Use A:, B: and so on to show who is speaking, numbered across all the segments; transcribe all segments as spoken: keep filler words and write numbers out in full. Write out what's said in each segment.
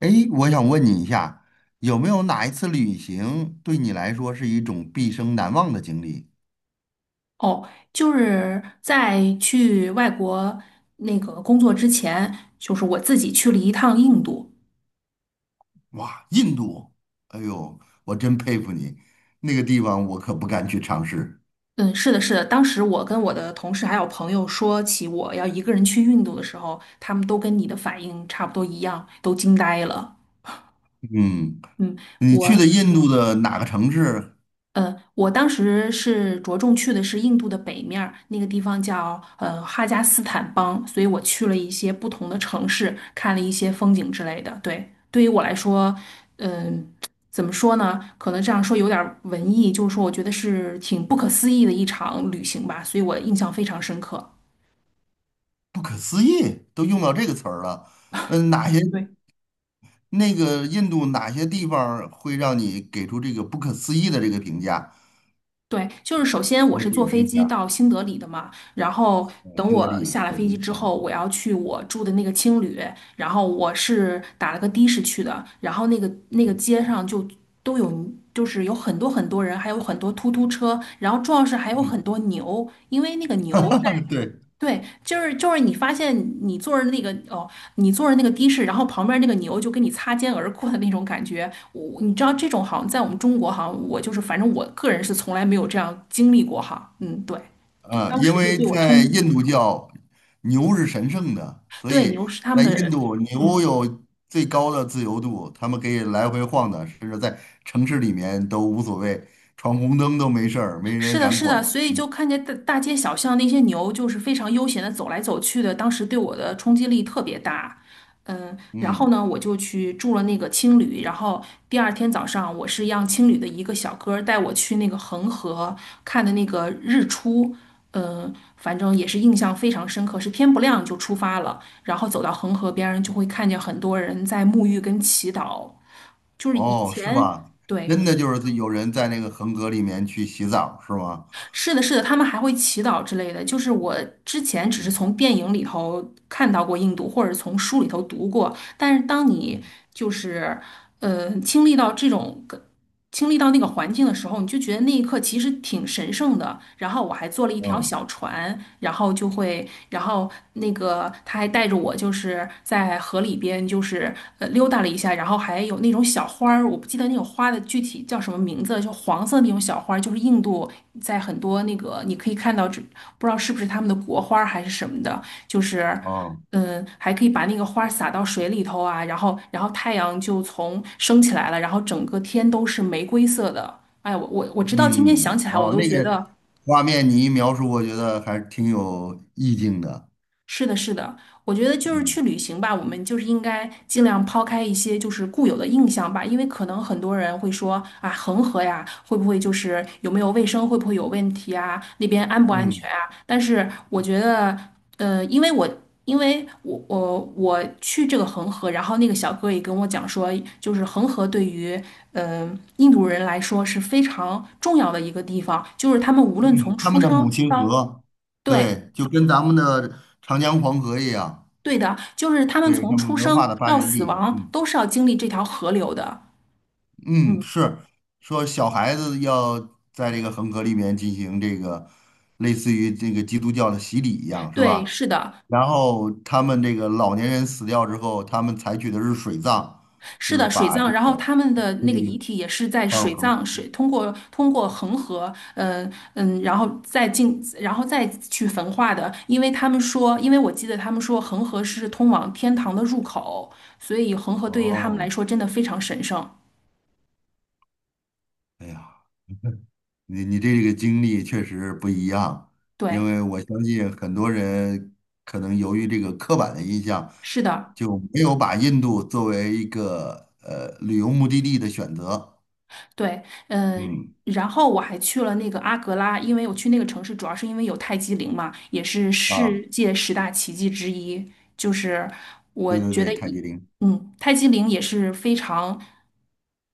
A: 诶，我想问你一下，有没有哪一次旅行对你来说是一种毕生难忘的经历？
B: 哦，就是在去外国那个工作之前，就是我自己去了一趟印度。
A: 哇，印度，哎呦，我真佩服你，那个地方我可不敢去尝试。
B: 嗯，是的，是的。当时我跟我的同事还有朋友说起我要一个人去印度的时候，他们都跟你的反应差不多一样，都惊呆了。
A: 嗯，
B: 嗯，
A: 你去的
B: 我。
A: 印度的哪个城市？
B: 呃，我当时是着重去的是印度的北面儿，那个地方叫呃哈加斯坦邦，所以我去了一些不同的城市，看了一些风景之类的。对，对于我来说，嗯、怎么说呢？可能这样说有点儿文艺，就是说我觉得是挺不可思议的一场旅行吧，所以我印象非常深刻。
A: 不可思议，都用到这个词儿了。嗯，哪些
B: 对。
A: 那个印度哪些地方儿会让你给出这个不可思议的这个评价？
B: 对，就是首先
A: 给
B: 我
A: 我
B: 是
A: 解
B: 坐
A: 释
B: 飞
A: 一
B: 机
A: 下，
B: 到新德里的嘛，然后
A: 呃，
B: 等
A: 新德
B: 我
A: 里
B: 下了
A: 首
B: 飞
A: 都
B: 机之
A: 啊。
B: 后，我要去我住的那个青旅，然后我是打了个的士去的，然后那个那个街上就都有，就是有很多很多人，还有很多突突车，然后主要是还有很多牛，因为那个牛在
A: 嗯，对。
B: 对，就是就是你发现你坐着那个哦，你坐着那个的士，然后旁边那个牛就跟你擦肩而过的那种感觉，我你知道这种好像在我们中国好像我就是反正我个人是从来没有这样经历过哈，嗯，对，对，
A: 嗯，
B: 当
A: 因
B: 时就
A: 为
B: 对我冲
A: 在
B: 击，
A: 印度教，牛是神圣的，所
B: 对，
A: 以
B: 牛是他们
A: 在印
B: 的，
A: 度牛
B: 嗯。
A: 有最高的自由度，他们可以来回晃的，甚至在城市里面都无所谓，闯红灯都没事儿，没
B: 是
A: 人
B: 的，
A: 敢
B: 是的，
A: 管。
B: 所以就看见大大街小巷那些牛，就是非常悠闲的走来走去的，当时对我的冲击力特别大。嗯，然后
A: 嗯，
B: 呢，我就去住了那个青旅，然后第二天早上，我是让青旅的一个小哥儿带我去那个恒河看的那个日出。嗯，反正也是印象非常深刻，是天不亮就出发了，然后走到恒河边儿，就会看见很多人在沐浴跟祈祷，就是以
A: 哦，是
B: 前。
A: 吧？
B: 对，
A: 真的就是有人在那个恒河里面去洗澡，是吗？
B: 是的，是的，他们还会祈祷之类的。就是我之前只是
A: 嗯
B: 从电影里头看到过印度，或者从书里头读过，但是当你
A: 嗯
B: 就是呃经历到这种经历到那个环境的时候，你就觉得那一刻其实挺神圣的。然后我还坐了一条
A: 嗯
B: 小船，然后就会，然后那个他还带着我，就是在河里边，就是呃溜达了一下，然后还有那种小花儿，我不记得那种花的具体叫什么名字，就黄色那种小花儿就是印度在很多那个你可以看到，这不知道是不是他们的国花儿还是什么的，就是。
A: 哦
B: 嗯，还可以把那个花儿撒到水里头啊，然后然后太阳就从升起来了，然后整个天都是玫瑰色的。哎我我我直到今天想
A: 嗯
B: 起来，我
A: 哦，
B: 都
A: 那
B: 觉
A: 个
B: 得。
A: 画面你一描述，我觉得还挺有意境的。
B: 是的，是的，我觉得就是去
A: 嗯
B: 旅行吧，我们就是应该尽量抛开一些就是固有的印象吧，因为可能很多人会说啊，恒河呀，会不会就是有没有卫生，会不会有问题啊，那边安不安全
A: 嗯
B: 啊？但是我觉得，呃，因为我因为我我我去这个恒河，然后那个小哥也跟我讲说，就是恒河对于嗯、呃印度人来说是非常重要的一个地方，就是他们无论从
A: 嗯，他
B: 出
A: 们的母
B: 生
A: 亲
B: 到
A: 河，
B: 对。
A: 对，就跟咱们的长江黄河一样，
B: 对的，就是他们
A: 对，
B: 从
A: 他们
B: 出
A: 文
B: 生
A: 化的发
B: 到
A: 源
B: 死
A: 地。
B: 亡
A: 嗯
B: 都是要经历这条河流的。
A: 嗯，
B: 嗯，
A: 是说小孩子要在这个恒河里面进行这个类似于这个基督教的洗礼一样，是
B: 对，
A: 吧？
B: 是的，
A: 然后他们这个老年人死掉之后，他们采取的是水葬，就
B: 是
A: 是
B: 的，水
A: 把
B: 葬，
A: 这个
B: 然后他们的
A: 尸
B: 那个
A: 体
B: 遗体也是在
A: 放入
B: 水
A: 恒。
B: 葬水通过通过恒河，嗯、嗯，然后再进，然后再去焚化的，因为他们说，因为我记得他们说恒河是通往天堂的入口，所以恒河对于他们来
A: 哦，
B: 说真的非常神圣。
A: 哎呀。你你这个经历确实不一样，因
B: 对，
A: 为我相信很多人可能由于这个刻板的印象，
B: 是的。
A: 就没有把印度作为一个呃旅游目的地的选择。
B: 对，嗯，
A: 嗯，
B: 然后我还去了那个阿格拉，因为我去那个城市主要是因为有泰姬陵嘛，也是
A: 啊，
B: 世界十大奇迹之一。就是我
A: 对对
B: 觉
A: 对，
B: 得
A: 泰
B: 一
A: 姬陵。
B: 嗯，泰姬陵也是非常，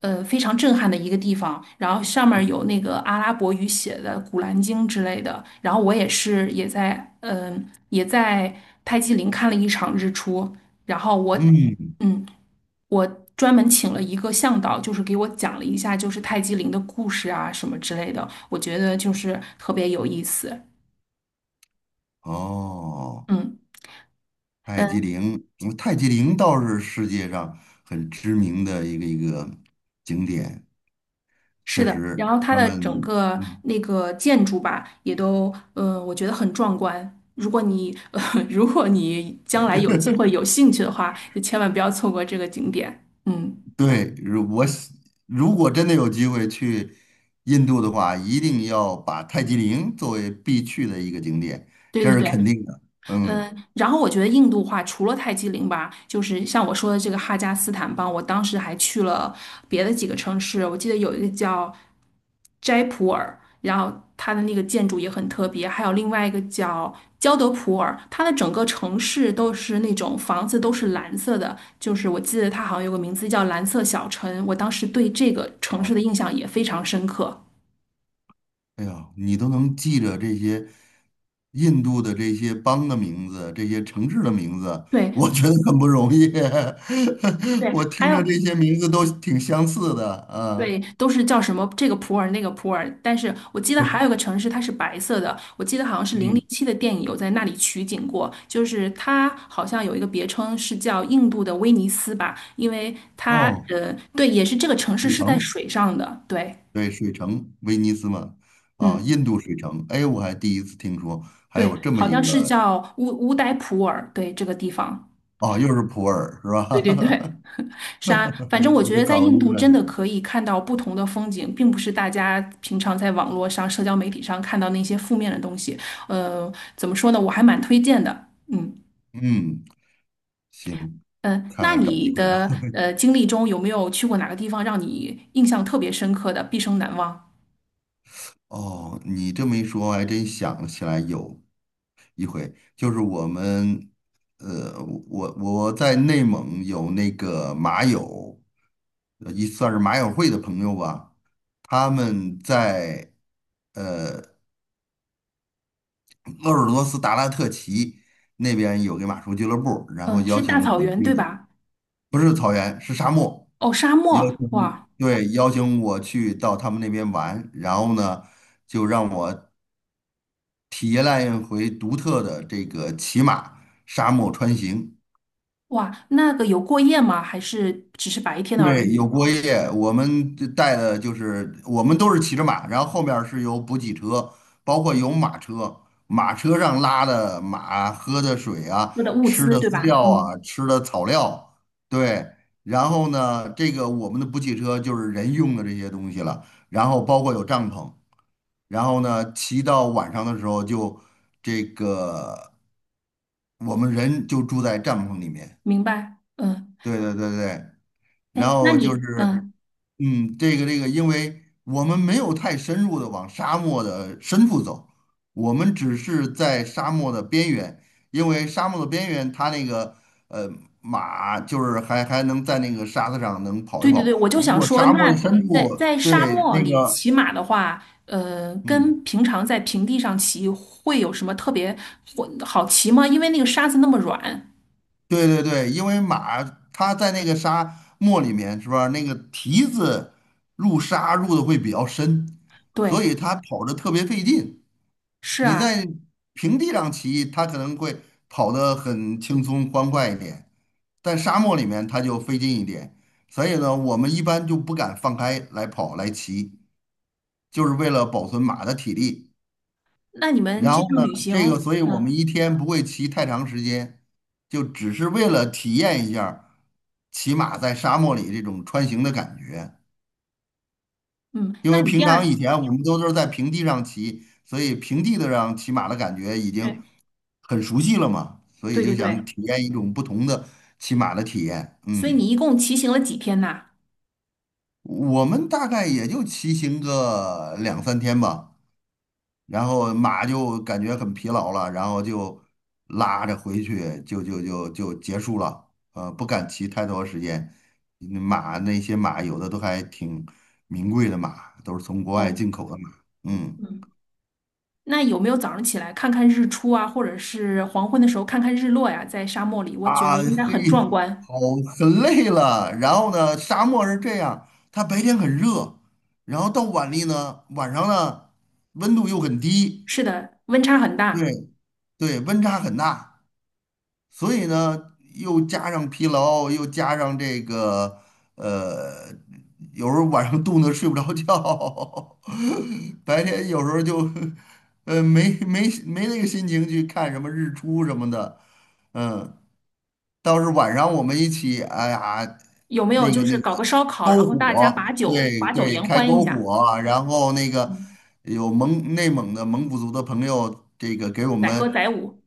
B: 呃，非常震撼的一个地方。然后上面儿有那个阿拉伯语写的《古兰经》之类的。然后我也是也在，嗯、也在泰姬陵看了一场日出。然后我，
A: 嗯，
B: 嗯。我专门请了一个向导，就是给我讲了一下就是泰姬陵的故事啊什么之类的，我觉得就是特别有意思。
A: 哦，
B: 嗯
A: 泰姬
B: 嗯，
A: 陵，嗯泰姬陵倒是世界上很知名的一个一个景点，
B: 是
A: 确
B: 的。
A: 实
B: 然后它
A: 他
B: 的整
A: 们。
B: 个
A: 嗯。
B: 那个建筑吧，也都呃，我觉得很壮观。如果你 呃，如果你将来有机会有兴趣的话，就千万不要错过这个景点。嗯，
A: 对，如我喜如果真的有机会去印度的话，一定要把泰姬陵作为必去的一个景点，
B: 对
A: 这
B: 对
A: 是
B: 对。
A: 肯定的。嗯，
B: 嗯，然后我觉得印度话除了泰姬陵吧，就是像我说的这个哈加斯坦邦，我当时还去了别的几个城市，我记得有一个叫斋普尔，然后它的那个建筑也很特别，还有另外一个叫焦德普尔，它的整个城市都是那种房子都是蓝色的，就是我记得它好像有个名字叫蓝色小城，我当时对这个城市
A: 哦，
B: 的印象也非常深刻。
A: 哎呀，你都能记着这些印度的这些邦的名字，这些城市的名字，
B: 对
A: 我觉得很不容易。我
B: 对，还
A: 听着这
B: 有。
A: 些名字都挺相似的，
B: 对，
A: 啊，
B: 都是叫什么这个普洱那个普洱，但是我记得还有个城市它是白色的，我记得好像是《零零
A: 嗯，
B: 七》的电影有在那里取景过，就是它好像有一个别称是叫印度的威尼斯吧，因为它
A: 哦，
B: 呃对，也是这个城市
A: 北
B: 是在
A: 城。
B: 水上的，对，
A: 对，水城，威尼斯嘛，啊，
B: 嗯，
A: 印度水城，哎，我还第一次听说还
B: 对，
A: 有这么
B: 好
A: 一
B: 像是
A: 个，
B: 叫乌乌代普洱，对这个地方，
A: 哦，又是普洱是
B: 对对对。
A: 吧？
B: 是啊，反正我
A: 我
B: 觉
A: 都
B: 得在
A: 搞
B: 印
A: 晕
B: 度
A: 了
B: 真
A: 这个
B: 的可以看到不同的风景，并不是大家平常在网络上、社交媒体上看到那些负面的东西。呃，怎么说呢？我还蛮推荐的。嗯
A: 嗯，行，
B: 嗯，呃
A: 看
B: 那
A: 看找
B: 你
A: 机会吧。
B: 的 呃经历中有没有去过哪个地方让你印象特别深刻的，毕生难忘？
A: 哦，你这么一说，我还真想起来有一回，就是我们，呃，我我在内蒙有那个马友，呃一算是马友会的朋友吧，他们在。鄂尔多斯达拉特旗那边有个马术俱乐部，然后
B: 嗯，
A: 邀
B: 是大
A: 请
B: 草
A: 我
B: 原对
A: 去，
B: 吧？
A: 不是草原，是沙漠，
B: 哦，沙
A: 邀
B: 漠，
A: 请，
B: 哇
A: 对，邀请我去到他们那边玩，然后呢，就让我体验了一回独特的这个骑马沙漠穿行。
B: 哇，那个有过夜吗？还是只是白天的而
A: 对，有
B: 已？
A: 过夜，我们带的就是我们都是骑着马，然后后面儿是有补给车，包括有马车，马车上拉的马喝的水啊，
B: 喝的物
A: 吃
B: 资
A: 的
B: 对
A: 饲
B: 吧？
A: 料啊，
B: 嗯，
A: 吃的草料，对。然后呢，这个我们的补给车就是人用的这些东西了，然后包括有帐篷，然后呢，骑到晚上的时候就这个我们人就住在帐篷里面，
B: 明白。嗯，
A: 对对对对。
B: 哎，
A: 然
B: 那
A: 后就是，
B: 你嗯。
A: 嗯，这个这个，因为我们没有太深入的往沙漠的深处走，我们只是在沙漠的边缘，因为沙漠的边缘它那个呃马就是还还能在那个沙子上能跑一
B: 对对对，
A: 跑，
B: 我就
A: 如
B: 想
A: 果
B: 说，
A: 沙漠的
B: 那
A: 深
B: 在
A: 处，
B: 在沙
A: 对
B: 漠
A: 那
B: 里
A: 个
B: 骑马的话，呃，
A: 嗯。
B: 跟平常在平地上骑会有什么特别，会好骑吗？因为那个沙子那么软。
A: 对对对，因为马它在那个沙漠里面是吧？那个蹄子入沙入的会比较深，所
B: 对，
A: 以它跑着特别费劲。
B: 是
A: 你
B: 啊。
A: 在平地上骑，它可能会跑得很轻松欢快一点，但沙漠里面它就费劲一点。所以呢，我们一般就不敢放开来跑来骑，就是为了保存马的体力。
B: 那你们
A: 然
B: 这
A: 后
B: 趟
A: 呢，
B: 旅行，
A: 这个，所以我们
B: 嗯
A: 一天不会骑太长时间，就只是为了体验一下骑马在沙漠里这种穿行的感觉。
B: 嗯，
A: 因
B: 那
A: 为
B: 你第
A: 平常
B: 二，
A: 以前我们都是在平地上骑，所以平地的上骑马的感觉已经
B: 对
A: 很熟悉了嘛，所以
B: 对
A: 就
B: 对
A: 想
B: 对，
A: 体验一种不同的骑马的体验。
B: 所以
A: 嗯，
B: 你一共骑行了几天呐？
A: 我们大概也就骑行个两三天吧，然后马就感觉很疲劳了，然后就拉着回去，就就就就结束了。呃，不敢骑太多时间，马那些马有的都还挺名贵的马，都是从国外
B: 哦，
A: 进口的马。嗯。
B: 嗯，那有没有早上起来看看日出啊，或者是黄昏的时候看看日落呀？在沙漠里，我觉得
A: 啊，
B: 应该
A: 嘿，
B: 很壮观。
A: 好，很累了。然后呢，沙漠是这样，它白天很热，然后到晚里呢，晚上呢，温度又很低，
B: 是的，温差很大。
A: 对对，温差很大，所以呢，又加上疲劳，又加上这个，呃，有时候晚上冻得睡不着觉，白天有时候就，呃，没没没那个心情去看什么日出什么的，嗯。倒是晚上我们一起，哎呀，
B: 有没有
A: 那个
B: 就是
A: 那个
B: 搞个烧烤，然
A: 篝
B: 后大家把
A: 火，
B: 酒
A: 对
B: 把酒
A: 对，
B: 言
A: 开
B: 欢一
A: 篝
B: 下，
A: 火，然后那个
B: 嗯，
A: 有蒙内蒙的蒙古族的朋友，这个给我
B: 载歌
A: 们
B: 载舞。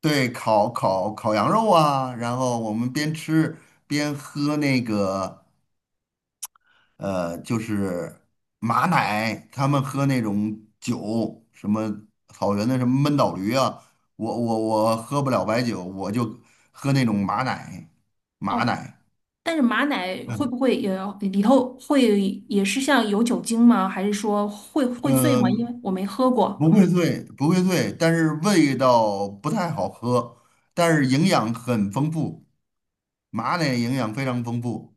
A: 对烤烤烤羊肉啊，然后我们边吃边喝那个呃，就是马奶，他们喝那种酒，什么草原的什么闷倒驴啊，我我我喝不了白酒，我就喝那种马奶，马
B: 哦，
A: 奶。
B: 但是马奶会不会也里头会也是像有酒精吗？还是说会会醉吗？因
A: 嗯，
B: 为我没喝过。
A: 不会
B: 嗯
A: 醉，不会醉，但是味道不太好喝，但是营养很丰富，马奶营养非常丰富。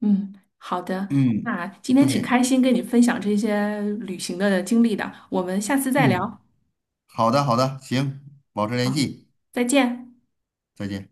B: 嗯，好的，
A: 嗯，
B: 那今天挺
A: 对，
B: 开心跟你分享这些旅行的经历的，我们下次再
A: 嗯，
B: 聊。
A: 好的，好的，行，保持联
B: 好，
A: 系，
B: 再见。
A: 再见。